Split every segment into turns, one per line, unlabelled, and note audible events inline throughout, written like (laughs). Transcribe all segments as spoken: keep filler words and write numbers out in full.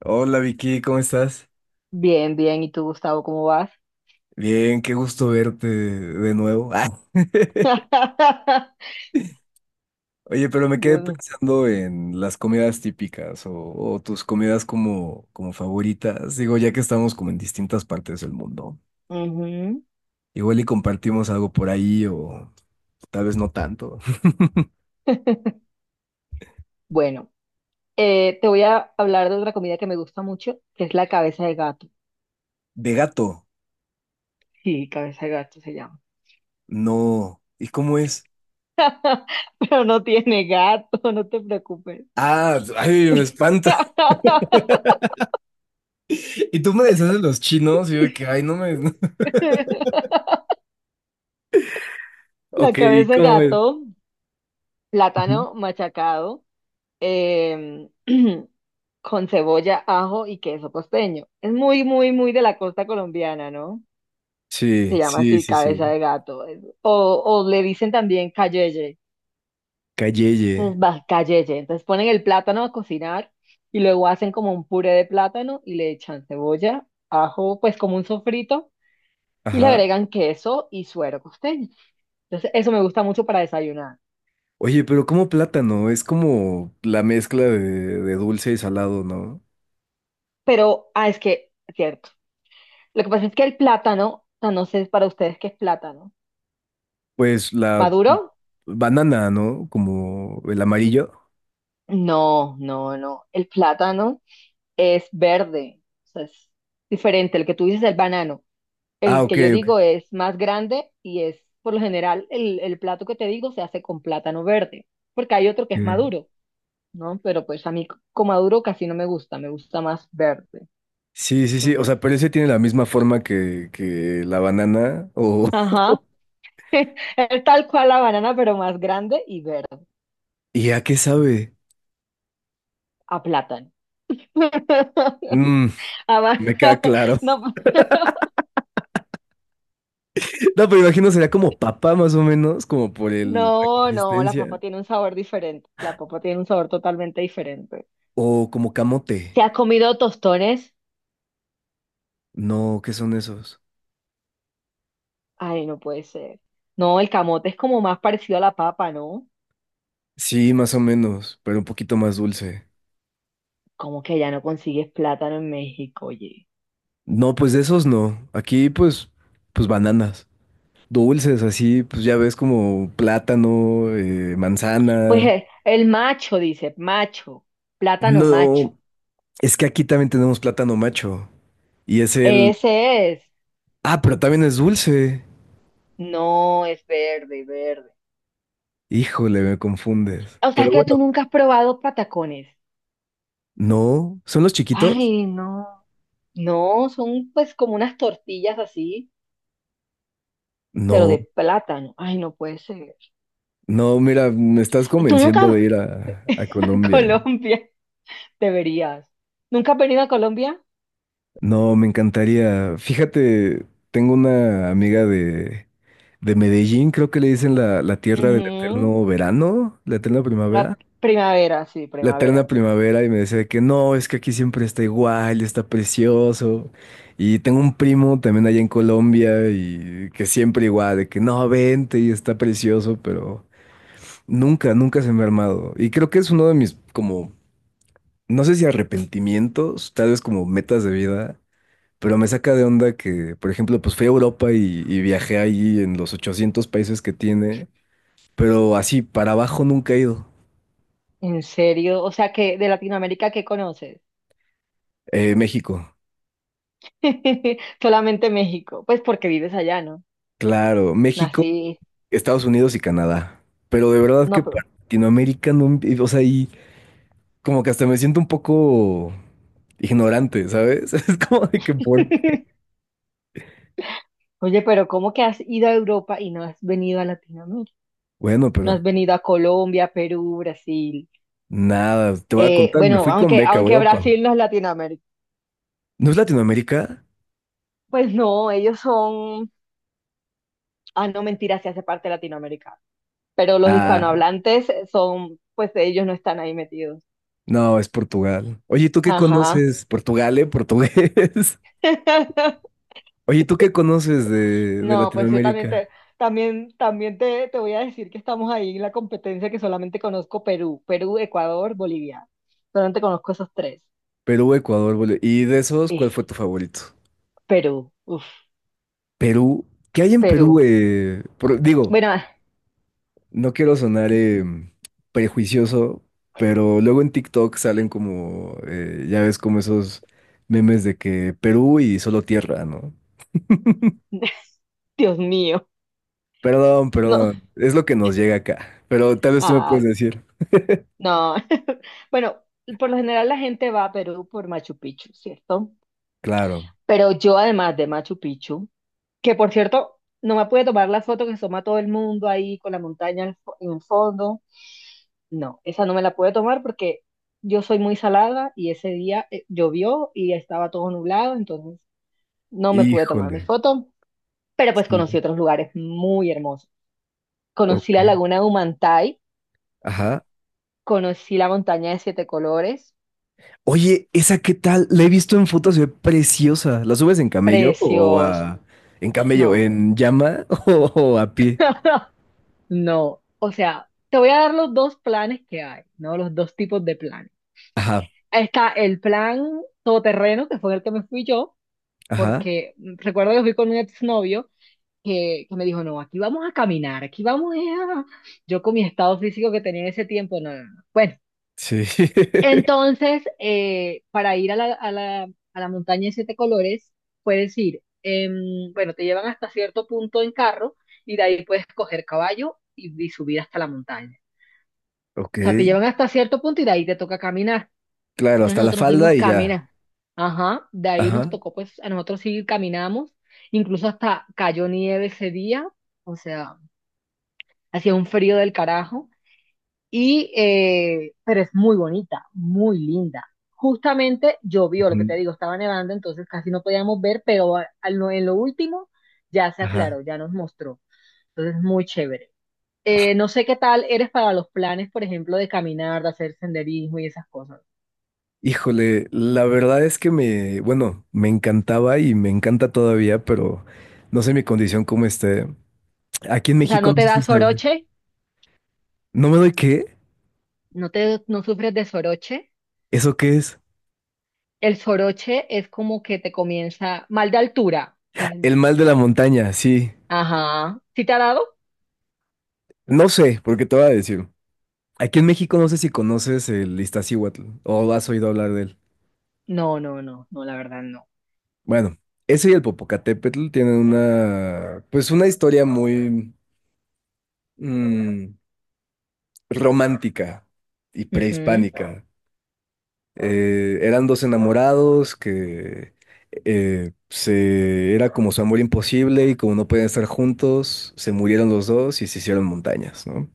Hola Vicky, ¿cómo estás?
Bien, bien. ¿Y tú, Gustavo, cómo vas?
Bien, qué gusto verte de nuevo. Ah. (laughs)
(laughs)
Oye, pero me quedé
Dios mío.
pensando en las comidas típicas o, o tus comidas como, como favoritas. Digo, ya que estamos como en distintas partes del mundo.
Ujú.
Igual y compartimos algo por ahí o tal vez no tanto. (laughs)
(laughs) Bueno, eh, te voy a hablar de otra comida que me gusta mucho, que es la cabeza de gato.
De gato,
Sí, cabeza de gato se llama.
no. ¿Y cómo es?
(laughs) Pero no tiene gato, no te preocupes.
Ah, ay, me espanta. (laughs)
(laughs)
Y tú me decías de los chinos y yo de que, ay, no me. (laughs)
La
Ok, ¿y
cabeza de
cómo es?
gato,
Ujú.
plátano machacado, em, (clears throat) con cebolla, ajo y queso costeño. Es muy, muy, muy de la costa colombiana, ¿no?
Sí,
Se llama
sí,
así,
sí,
cabeza
sí.
de gato. es- O, o le dicen también cayeye.
Calleye.
Entonces va cayeye. Entonces ponen el plátano a cocinar y luego hacen como un puré de plátano y le echan cebolla, ajo, pues como un sofrito y le
Ajá.
agregan queso y suero costeño. Entonces eso me gusta mucho para desayunar.
Oye, pero cómo plátano, es como la mezcla de, de dulce y salado, ¿no?
Pero, ah, es que, cierto. Lo que pasa es que el plátano, ah, no sé para ustedes qué es plátano.
Pues la
¿Maduro?
banana, ¿no? Como el amarillo.
No, no, no. El plátano es verde. O sea, es diferente. El que tú dices es el banano.
Ah,
El que
ok,
yo
ok.
digo es más grande y es, por lo general, el, el plato que te digo se hace con plátano verde, porque hay otro que es
Ok.
maduro, ¿no? Pero pues a mí c- con maduro casi no me gusta, me gusta más verde.
Sí, sí, sí. O
Entonces,
sea, pero ese tiene la misma forma que, que la banana. O. (laughs)
ajá, (laughs) es tal cual la banana, pero más grande y verde,
¿Y a qué sabe?
a plátano.
Mm,
(laughs) Ama-
Me queda claro. (laughs)
(laughs)
No, pero imagino sería como papa, más o menos, como por el, la
No, no, no, la
consistencia.
papa tiene un sabor diferente, la papa tiene un sabor totalmente diferente.
O como camote.
¿Se ha comido tostones?
No, ¿qué son esos?
Ay, no puede ser. No, el camote es como más parecido a la papa, ¿no?
Sí, más o menos, pero un poquito más dulce.
Como que ya no consigues plátano en México, oye.
No, pues de esos no. Aquí, pues, pues bananas. Dulces, así, pues ya ves como plátano, eh,
Pues
manzana.
eh, el macho, dice, macho, plátano macho.
No, es que aquí también tenemos plátano macho. Y es el.
Ese es.
Ah, pero también es dulce.
No, es verde, verde.
Híjole, me confundes.
O sea
Pero
que tú
bueno,
nunca has probado patacones.
no. ¿Son los chiquitos?
Ay, no. No, son pues como unas tortillas así, pero de
No.
plátano. Ay, no puede ser.
No, mira, me estás
Tú nunca
convenciendo
vas
de ir a, a
(laughs) a
Colombia.
Colombia. Deberías. ¿Nunca has venido a Colombia?
No, me encantaría. Fíjate, tengo una amiga de, de Medellín, creo que le dicen la, la tierra del
Ujú.
eterno verano, la eterna
La
primavera.
primavera, sí,
La
primavera.
eterna primavera y me decía de que no, es que aquí siempre está igual, está precioso. Y tengo un primo también allá en Colombia y que siempre igual, de que no, vente y está precioso, pero nunca, nunca se me ha armado. Y creo que es uno de mis como, no sé si arrepentimientos, tal vez como metas de vida, pero me saca de onda que, por ejemplo, pues fui a Europa y, y viajé ahí en los ochocientos países que tiene, pero así para abajo nunca he ido.
¿En serio? O sea, que de Latinoamérica, ¿qué conoces?
Eh, México,
(laughs) Solamente México. Pues porque vives allá, ¿no?
claro, México,
Nací.
Estados Unidos y Canadá. Pero de verdad
No,
que
pero.
para Latinoamérica no, o sea, y como que hasta me siento un poco ignorante, ¿sabes? (laughs) Es como de que por.
(laughs) Oye, pero ¿cómo que has ido a Europa y no has venido a Latinoamérica?
Bueno,
No has
pero
venido a Colombia, Perú, Brasil.
nada, te voy a
Eh,
contar, me
bueno,
fui con
aunque,
beca a
aunque
Europa.
Brasil no es Latinoamérica.
¿No es Latinoamérica?
Pues no, ellos son. Ah, no, mentira, sí hace parte de Latinoamérica. Pero los
Ah,
hispanohablantes son, pues ellos no están ahí metidos.
no, es Portugal. Oye, ¿tú qué
Ajá.
conoces? Portugal, ¿eh? Portugués.
(laughs)
(laughs) Oye, ¿tú qué conoces de, de
No, pues yo también
Latinoamérica?
te, también, también te, te voy a decir que estamos ahí en la competencia que solamente conozco Perú, Perú, Ecuador, Bolivia. Solamente conozco esos tres.
Perú, Ecuador, Bolivia. ¿Y de esos, cuál
Eh,
fue tu favorito?
Perú, uf,
Perú. ¿Qué hay en Perú?
Perú.
eh? Por- digo,
Bueno, ah,
no quiero sonar eh, prejuicioso, pero luego en TikTok salen como, eh, ya ves, como esos memes de que Perú y solo tierra, ¿no?
(laughs) Dios mío.
Perdón,
No,
perdón. Es lo que nos llega acá. Pero tal vez tú me
ah,
puedes decir.
no. (laughs) Bueno, por lo general la gente va a Perú por Machu Picchu, ¿cierto?
Claro.
Pero yo además de Machu Picchu, que por cierto, no me pude tomar la foto que se toma todo el mundo ahí con la montaña al fo- en el fondo. No, esa no me la pude tomar porque yo soy muy salada y ese día eh, llovió y estaba todo nublado, entonces no me pude tomar mi
Híjole.
foto, pero pues conocí
Sí.
otros lugares muy hermosos. Conocí
Ok.
la laguna de Humantay,
Ajá.
conocí la montaña de siete colores,
Oye, ¿esa qué tal? La he visto en fotos, se ve preciosa. ¿La subes en camello o
precios,
a... en camello,
no,
en llama (laughs) o a pie?
(laughs) no, o sea, te voy a dar los dos planes que hay, ¿no? Los dos tipos de planes.
Ajá,
Está el plan todoterreno, que fue el que me fui yo,
ajá.
porque recuerdo que fui con un exnovio que, que me dijo, no, aquí vamos a caminar, aquí vamos eh, a... (laughs) Yo con mi estado físico que tenía en ese tiempo, no, no, no. Bueno,
Sí. (laughs)
entonces, eh, para ir a la, a la, a la montaña de siete colores, puedes ir, em, bueno, te llevan hasta cierto punto en carro y de ahí puedes coger caballo y, y subir hasta la montaña.
Ok.
O sea, te llevan hasta cierto punto y de ahí te toca caminar.
Claro,
Entonces
hasta la
nosotros nos
falda
fuimos
y ya.
caminar. Ajá, de ahí nos
Ajá.
tocó, pues, a nosotros sí caminamos, incluso hasta cayó nieve ese día. O sea, hacía un frío del carajo, y, eh, pero es muy bonita, muy linda. Justamente llovió, lo que
Ujú,
te digo, estaba nevando, entonces casi no podíamos ver, pero a- a lo- en lo último ya se
ajá.
aclaró, ya nos mostró. Entonces, muy chévere. Eh, no sé qué tal eres para los planes, por ejemplo, de caminar, de hacer senderismo y esas cosas.
Híjole, la verdad es que me, bueno, me encantaba y me encanta todavía, pero no sé mi condición cómo esté. Aquí en
O sea,
México
¿no
no
te
sé si
da
sabe.
soroche?
¿No me doy qué?
¿No te, no sufres de soroche?
¿Eso qué es?
El soroche es como que te comienza mal de altura. Es-
El mal de la montaña, sí.
Ajá. ¿Sí te ha dado?
No sé, porque te voy a decir. Aquí en México no sé si conoces el Iztaccíhuatl o has oído hablar de él.
No, no, no, no, la verdad no.
Bueno, ese y el Popocatépetl tienen una, pues una historia muy mm, romántica y
Ujú,
prehispánica. Eh, eran dos enamorados que eh, se era como su amor imposible y como no podían estar juntos, se murieron los dos y se hicieron montañas, ¿no?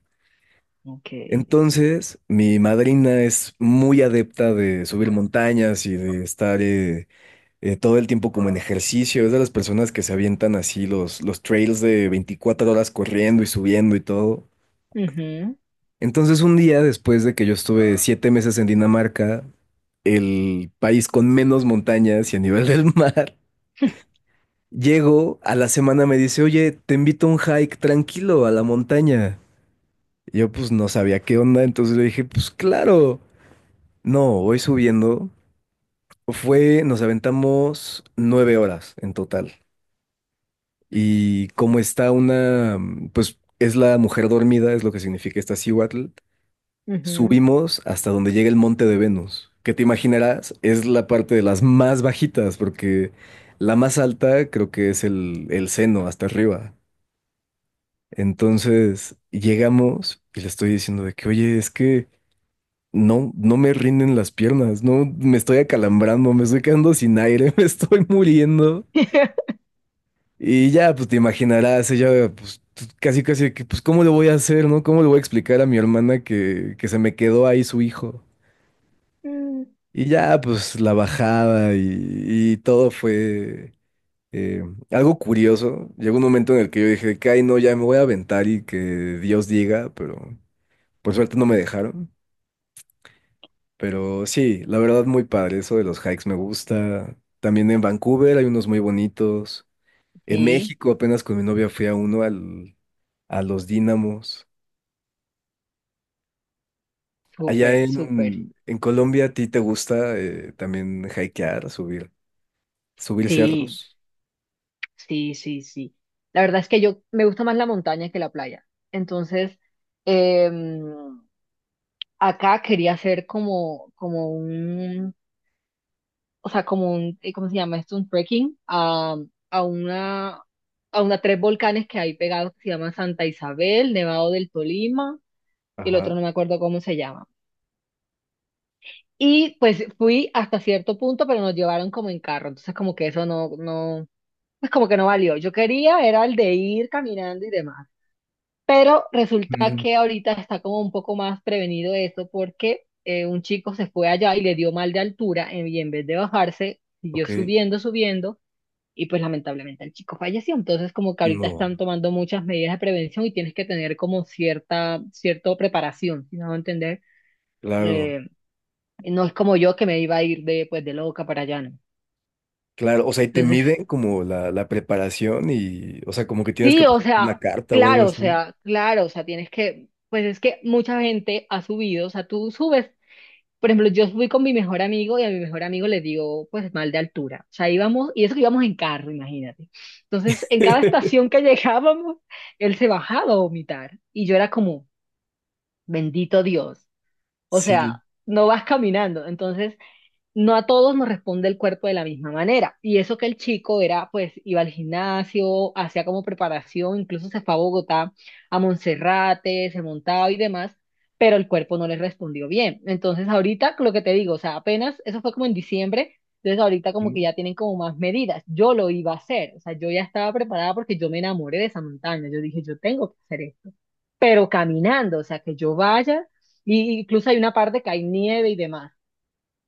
ok.
Entonces, mi madrina es muy adepta de subir montañas y de estar eh, eh, todo el tiempo como en ejercicio. Es de las personas que se avientan así los, los trails de veinticuatro horas corriendo y subiendo y todo.
Ujú,
Entonces, un día después de que yo estuve siete meses en Dinamarca, el país con menos montañas y a nivel del mar, (laughs) llego a la semana, me dice, oye, te invito a un hike tranquilo a la montaña. Y yo pues no sabía qué onda, entonces le dije, pues claro. No, voy subiendo. Fue, nos aventamos nueve horas en total. Y como está una, mm, pues es la mujer dormida, es lo que significa esta Cihuatl,
ujú.
subimos hasta donde llega el monte de Venus, que te imaginarás es la parte de las más bajitas, porque la más alta creo que es el, el seno hasta arriba. Entonces llegamos y le estoy diciendo de que, oye, es que no, no me rinden las piernas, no, me estoy acalambrando, me estoy quedando sin aire, (laughs) me estoy muriendo.
(laughs)
Y ya, pues te imaginarás, ella, pues tú- casi, casi, que, pues, ¿cómo le voy a hacer, no? ¿Cómo le voy a explicar a mi hermana que, que se me quedó ahí su hijo?
Mm,
Y ya, pues la bajada y, y todo fue eh, algo curioso. Llegó un momento en el que yo dije, que, ay, no, ya me voy a aventar y que Dios diga, pero por suerte no me dejaron. Pero sí, la verdad muy padre, eso de los hikes me gusta. También en Vancouver hay unos muy bonitos. En
sí,
México apenas con mi novia fui a uno al, a los Dínamos. Allá
súper, súper.
en, en Colombia, ¿a ti te gusta eh, también hikear, subir, subir
Sí,
cerros?
sí, sí, sí. La verdad es que yo me gusta más la montaña que la playa. Entonces, em, acá quería hacer como, como un, o sea, como un, eh, ¿cómo se llama esto? Un trekking a, a una, a una tres volcanes que hay pegados que se llaman Santa Isabel, Nevado del Tolima y el otro
Ajá.
no me acuerdo cómo se llama. Y pues fui hasta cierto punto, pero nos llevaron como en carro, entonces como que eso no, no, pues como que no valió. Yo quería era el de ir caminando y demás, pero resulta
Mm,
que ahorita está como un poco más prevenido eso porque eh, un chico se fue allá y le dio mal de altura en- y en vez de bajarse, siguió
ok.
subiendo, subiendo y pues lamentablemente el chico falleció. Entonces como que ahorita
No,
están tomando muchas medidas de prevención y tienes que tener como cierta, cierta preparación, si no entender.
claro,
Eh, no es como yo que me iba a ir de, pues, de loca para allá, ¿no?
claro. O sea, y te
Entonces,
miden como la, la preparación y, o sea, como que
(laughs)
tienes que
sí, o
presentar
sea,
una carta o algo
claro, o
así.
sea, claro, o sea, tienes que, pues es que mucha gente ha subido, o sea, tú subes, por ejemplo, yo subí con mi mejor amigo y a mi mejor amigo le digo, pues, mal de altura, o sea, íbamos, y eso que íbamos en carro, imagínate. Entonces, en cada
(laughs)
estación que (laughs) llegábamos, él se bajaba a vomitar y yo era como, bendito Dios, o sea,
Sí,
no vas caminando, entonces. No a todos nos responde el cuerpo de la misma manera. Y eso que el chico era, pues, iba al gimnasio, hacía como preparación, incluso se fue a Bogotá, a Monserrate, se montaba y demás, pero el cuerpo no le respondió bien. Entonces, ahorita, lo que te digo, o sea, apenas, eso fue como en diciembre, entonces ahorita como
mm,
que ya tienen como más medidas. Yo lo iba a hacer, o sea, yo ya estaba preparada porque yo me enamoré de esa montaña, yo dije, yo tengo que hacer esto, pero caminando, o sea, que yo vaya, y incluso hay una parte que hay nieve y demás.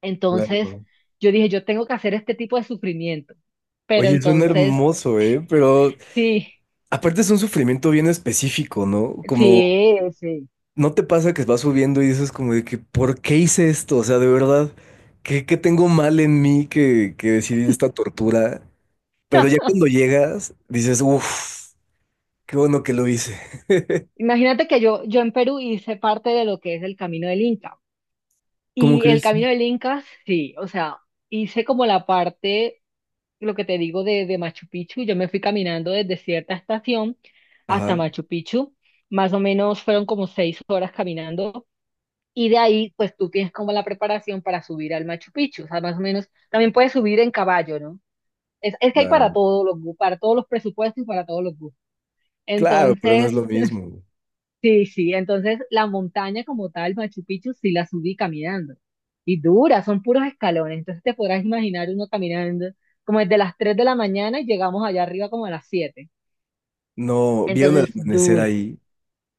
Entonces,
claro.
yo dije, yo tengo que hacer este tipo de sufrimiento. Pero
Oye, suena
entonces,
hermoso, ¿eh? Pero
sí,
aparte es un sufrimiento bien específico, ¿no? Como,
sí, sí.
¿no te pasa que vas subiendo y dices como de que, ¿por qué hice esto? O sea, de verdad, ¿qué, qué tengo mal en mí que, que decidí esta tortura? Pero ya cuando llegas, dices, uff, qué bueno que lo hice.
Imagínate que yo, yo en Perú hice parte de lo que es el Camino del Inca.
¿Cómo
Y el
crees? Sí.
Camino del Inca, sí, o sea, hice como la parte, lo que te digo de, de, Machu Picchu. Yo me fui caminando desde cierta estación hasta
Ajá,
Machu Picchu. Más o menos fueron como seis horas caminando. Y de ahí, pues tú tienes como la preparación para subir al Machu Picchu. O sea, más o menos, también puedes subir en caballo, ¿no? Es, es que hay para
claro.
todos los gu- para todos los presupuestos y para todos los gustos.
Claro, pero no es
Entonces,
lo
(laughs)
mismo.
sí, sí, entonces la montaña como tal, Machu Picchu, sí la subí caminando. Y dura, son puros escalones. Entonces te podrás imaginar uno caminando como desde las tres de la mañana y llegamos allá arriba como a las siete.
No, ¿vieron el
Entonces,
amanecer
dura.
ahí?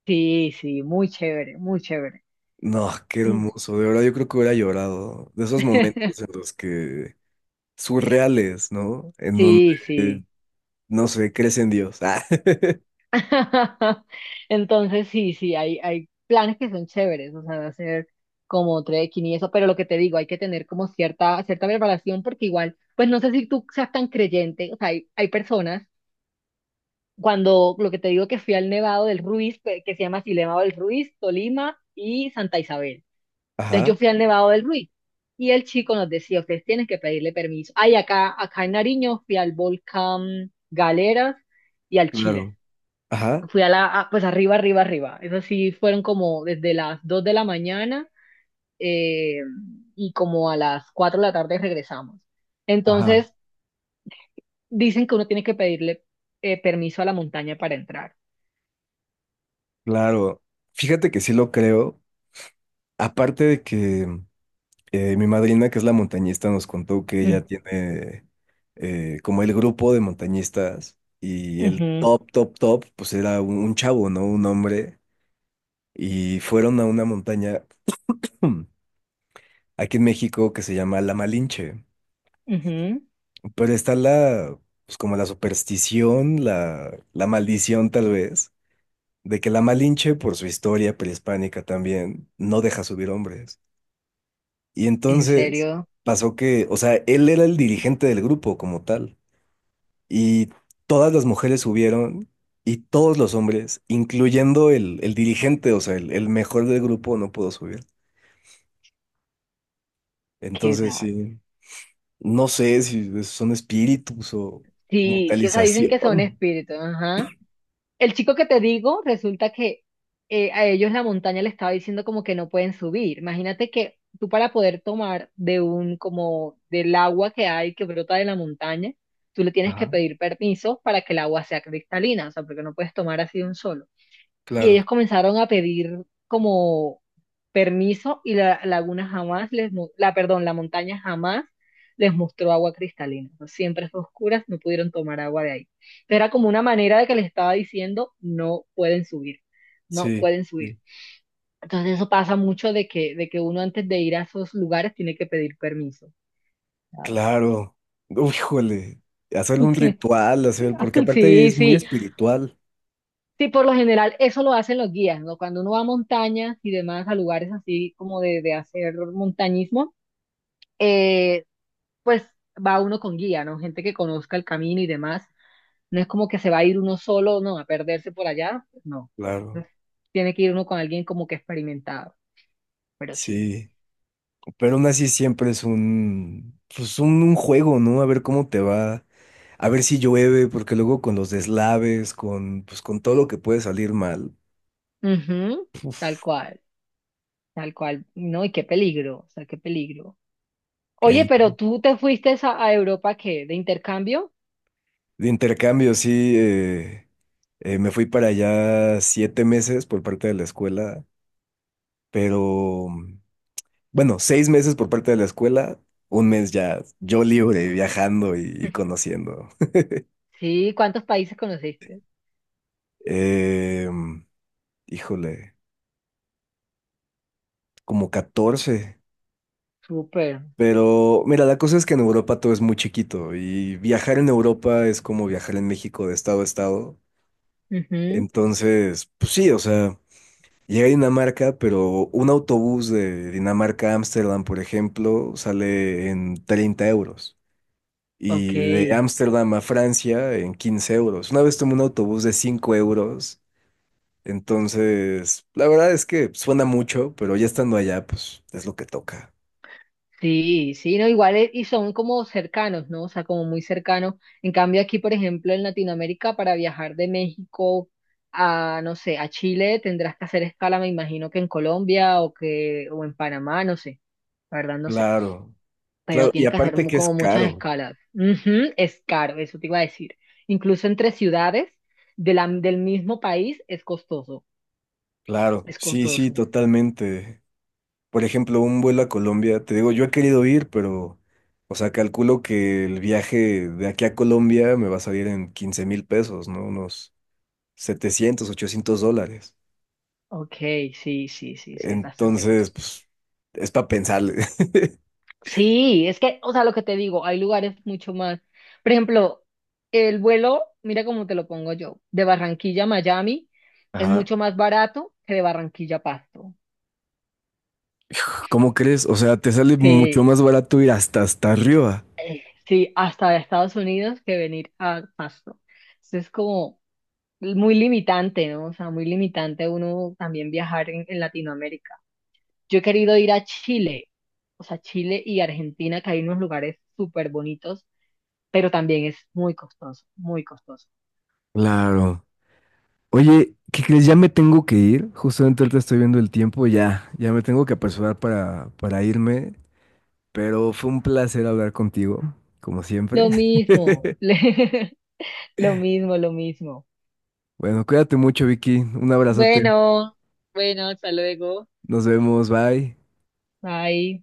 Sí, sí, muy chévere, muy chévere.
No, qué hermoso. De verdad, yo creo que hubiera llorado. De esos momentos en
(laughs)
los que surreales, ¿no? En donde,
Sí,
eh,
sí.
no sé, crees en Dios. Ah, (laughs)
(laughs) Entonces, sí, sí, hay, hay planes que son chéveres, o sea, de hacer como trekking y eso, pero lo que te digo, hay que tener como cierta, cierta preparación porque igual, pues no sé si tú seas tan creyente, o sea, hay, hay personas, cuando lo que te digo que fui al Nevado del Ruiz, pe- que se llama así, Nevado del Ruiz, Tolima y Santa Isabel. Entonces
Ajá,
yo fui al Nevado del Ruiz y el chico nos decía, ustedes tienen que pedirle permiso. Ay, acá, acá en Nariño fui al volcán Galeras y al Chiles
claro. Ajá,
fui a la, a- pues arriba, arriba, arriba. Eso sí, fueron como desde las dos de la mañana eh, y como a las cuatro de la tarde regresamos.
ajá,
Entonces, dicen que uno tiene que pedirle eh, permiso a la montaña para entrar.
claro. Fíjate que sí lo creo. Aparte de que eh, mi madrina, que es la montañista, nos contó que ella
Mm,
tiene eh, como el grupo de montañistas y el
ujú,
top, top, top, pues era un, un chavo, ¿no? Un hombre. Y fueron a una montaña (clears throat) aquí en México que se llama La Malinche.
ujú.
Pero está la, pues como la superstición, la, la maldición tal vez, de que la Malinche, por su historia prehispánica también, no deja subir hombres. Y
En
entonces
serio,
pasó que, o sea, él era el dirigente del grupo como tal, y todas las mujeres subieron y todos los hombres, incluyendo el, el dirigente, o sea, el, el mejor del grupo, no pudo subir.
qué
Entonces,
dar.
sí, no sé si son espíritus o
Sí, sí, o sea, dicen que son
mentalización.
espíritus, ajá. El chico que te digo, resulta que eh, a ellos la montaña le estaba diciendo como que no pueden subir. Imagínate que tú para poder tomar de un, como del agua que hay, que brota de la montaña, tú le tienes que
Ajá,
pedir permiso para que el agua sea cristalina, o sea, porque no puedes tomar así de un solo y
claro.
ellos comenzaron a pedir como permiso y la laguna jamás les, mu- la, perdón, la montaña jamás les mostró agua cristalina. O sea, siempre fue oscuras, no pudieron tomar agua de ahí. Pero era como una manera de que les estaba diciendo, no pueden subir, no
Sí,
pueden
sí,
subir. Entonces eso pasa mucho de que, de que uno antes de ir a esos lugares tiene que pedir permiso. ¿Sabes?
claro. Uy, híjole, hacer un
(laughs)
ritual, hacer, porque aparte
Sí,
es muy
sí.
espiritual,
Sí, por lo general eso lo hacen los guías, ¿no? Cuando uno va a montañas y demás, a lugares así como de, de hacer montañismo, eh, pues va uno con guía, ¿no? Gente que conozca el camino y demás. No es como que se va a ir uno solo, no, a perderse por allá, pues no.
claro,
Entonces, tiene que ir uno con alguien como que experimentado, pero sí.
sí, pero aún así siempre es un, pues un, un juego, ¿no? A ver cómo te va, a ver si llueve, porque luego con los deslaves, con, pues con todo lo que puede salir mal,
Ujú, tal cual, tal cual. No, y qué peligro, o sea, qué peligro. Oye,
caña.
pero tú te fuiste a, a Europa, ¿qué? ¿De intercambio?
De intercambio, sí, eh, eh, me fui para allá siete meses por parte de la escuela, pero. Bueno, seis meses por parte de la escuela, un mes ya yo libre, viajando y, y conociendo.
Sí, ¿cuántos países conociste?
(laughs) Em, Híjole, como catorce.
Súper.
Pero mira, la cosa es que en Europa todo es muy chiquito y viajar en Europa es como viajar en México de estado a estado.
Ujú,
Entonces, pues sí, o sea, llegué a Dinamarca, pero un autobús de Dinamarca a Ámsterdam, por ejemplo, sale en treinta euros.
ok,
Y de Ámsterdam a Francia en quince euros. Una vez tomé un autobús de cinco euros. Entonces, la verdad es que suena mucho, pero ya estando allá, pues es lo que toca.
sí, sí, no, igual e- y son como cercanos, ¿no? O sea, como muy cercanos. En cambio aquí, por ejemplo, en Latinoamérica, para viajar de México a, no sé, a Chile, tendrás que hacer escala, me imagino que en Colombia o que, o en Panamá, no sé, la verdad no sé.
Claro, claro.
Pero
Y
tienes que hacer
aparte
mu-
que es
como muchas
caro.
escalas. Ujú, es caro, eso te iba a decir. Incluso entre ciudades de la- del mismo país es costoso,
Claro,
es
sí, sí,
costoso.
totalmente. Por ejemplo, un vuelo a Colombia, te digo, yo he querido ir, pero, o sea, calculo que el viaje de aquí a Colombia me va a salir en quince mil pesos, ¿no? Unos setecientos, ochocientos dólares.
Ok, sí, sí, sí, sí, es bastante
Entonces,
costoso.
pues, es para pensarle.
Sí, es que, o sea, lo que te digo, hay lugares mucho más. Por ejemplo, el vuelo, mira cómo te lo pongo yo, de Barranquilla a Miami
(laughs)
es
Ajá.
mucho más barato que de Barranquilla a Pasto,
¿Cómo crees? O sea, te sale mucho
que
más barato ir hasta hasta arriba.
eh, sí, hasta de Estados Unidos que venir a Pasto. Entonces es como muy limitante, ¿no? O sea, muy limitante uno también viajar en, en Latinoamérica. Yo he querido ir a Chile, o sea, Chile y Argentina, que hay unos lugares súper bonitos, pero también es muy costoso, muy costoso.
Claro. Oye, ¿qué crees? Ya me tengo que ir. Justamente ahorita estoy viendo el tiempo. Ya, ya me tengo que apresurar para, para irme. Pero fue un placer hablar contigo, como siempre.
Lo mismo,
(laughs)
(laughs) lo mismo, lo mismo.
Bueno, cuídate mucho, Vicky. Un abrazote.
Bueno, bueno, hasta luego.
Nos vemos. Bye.
Bye.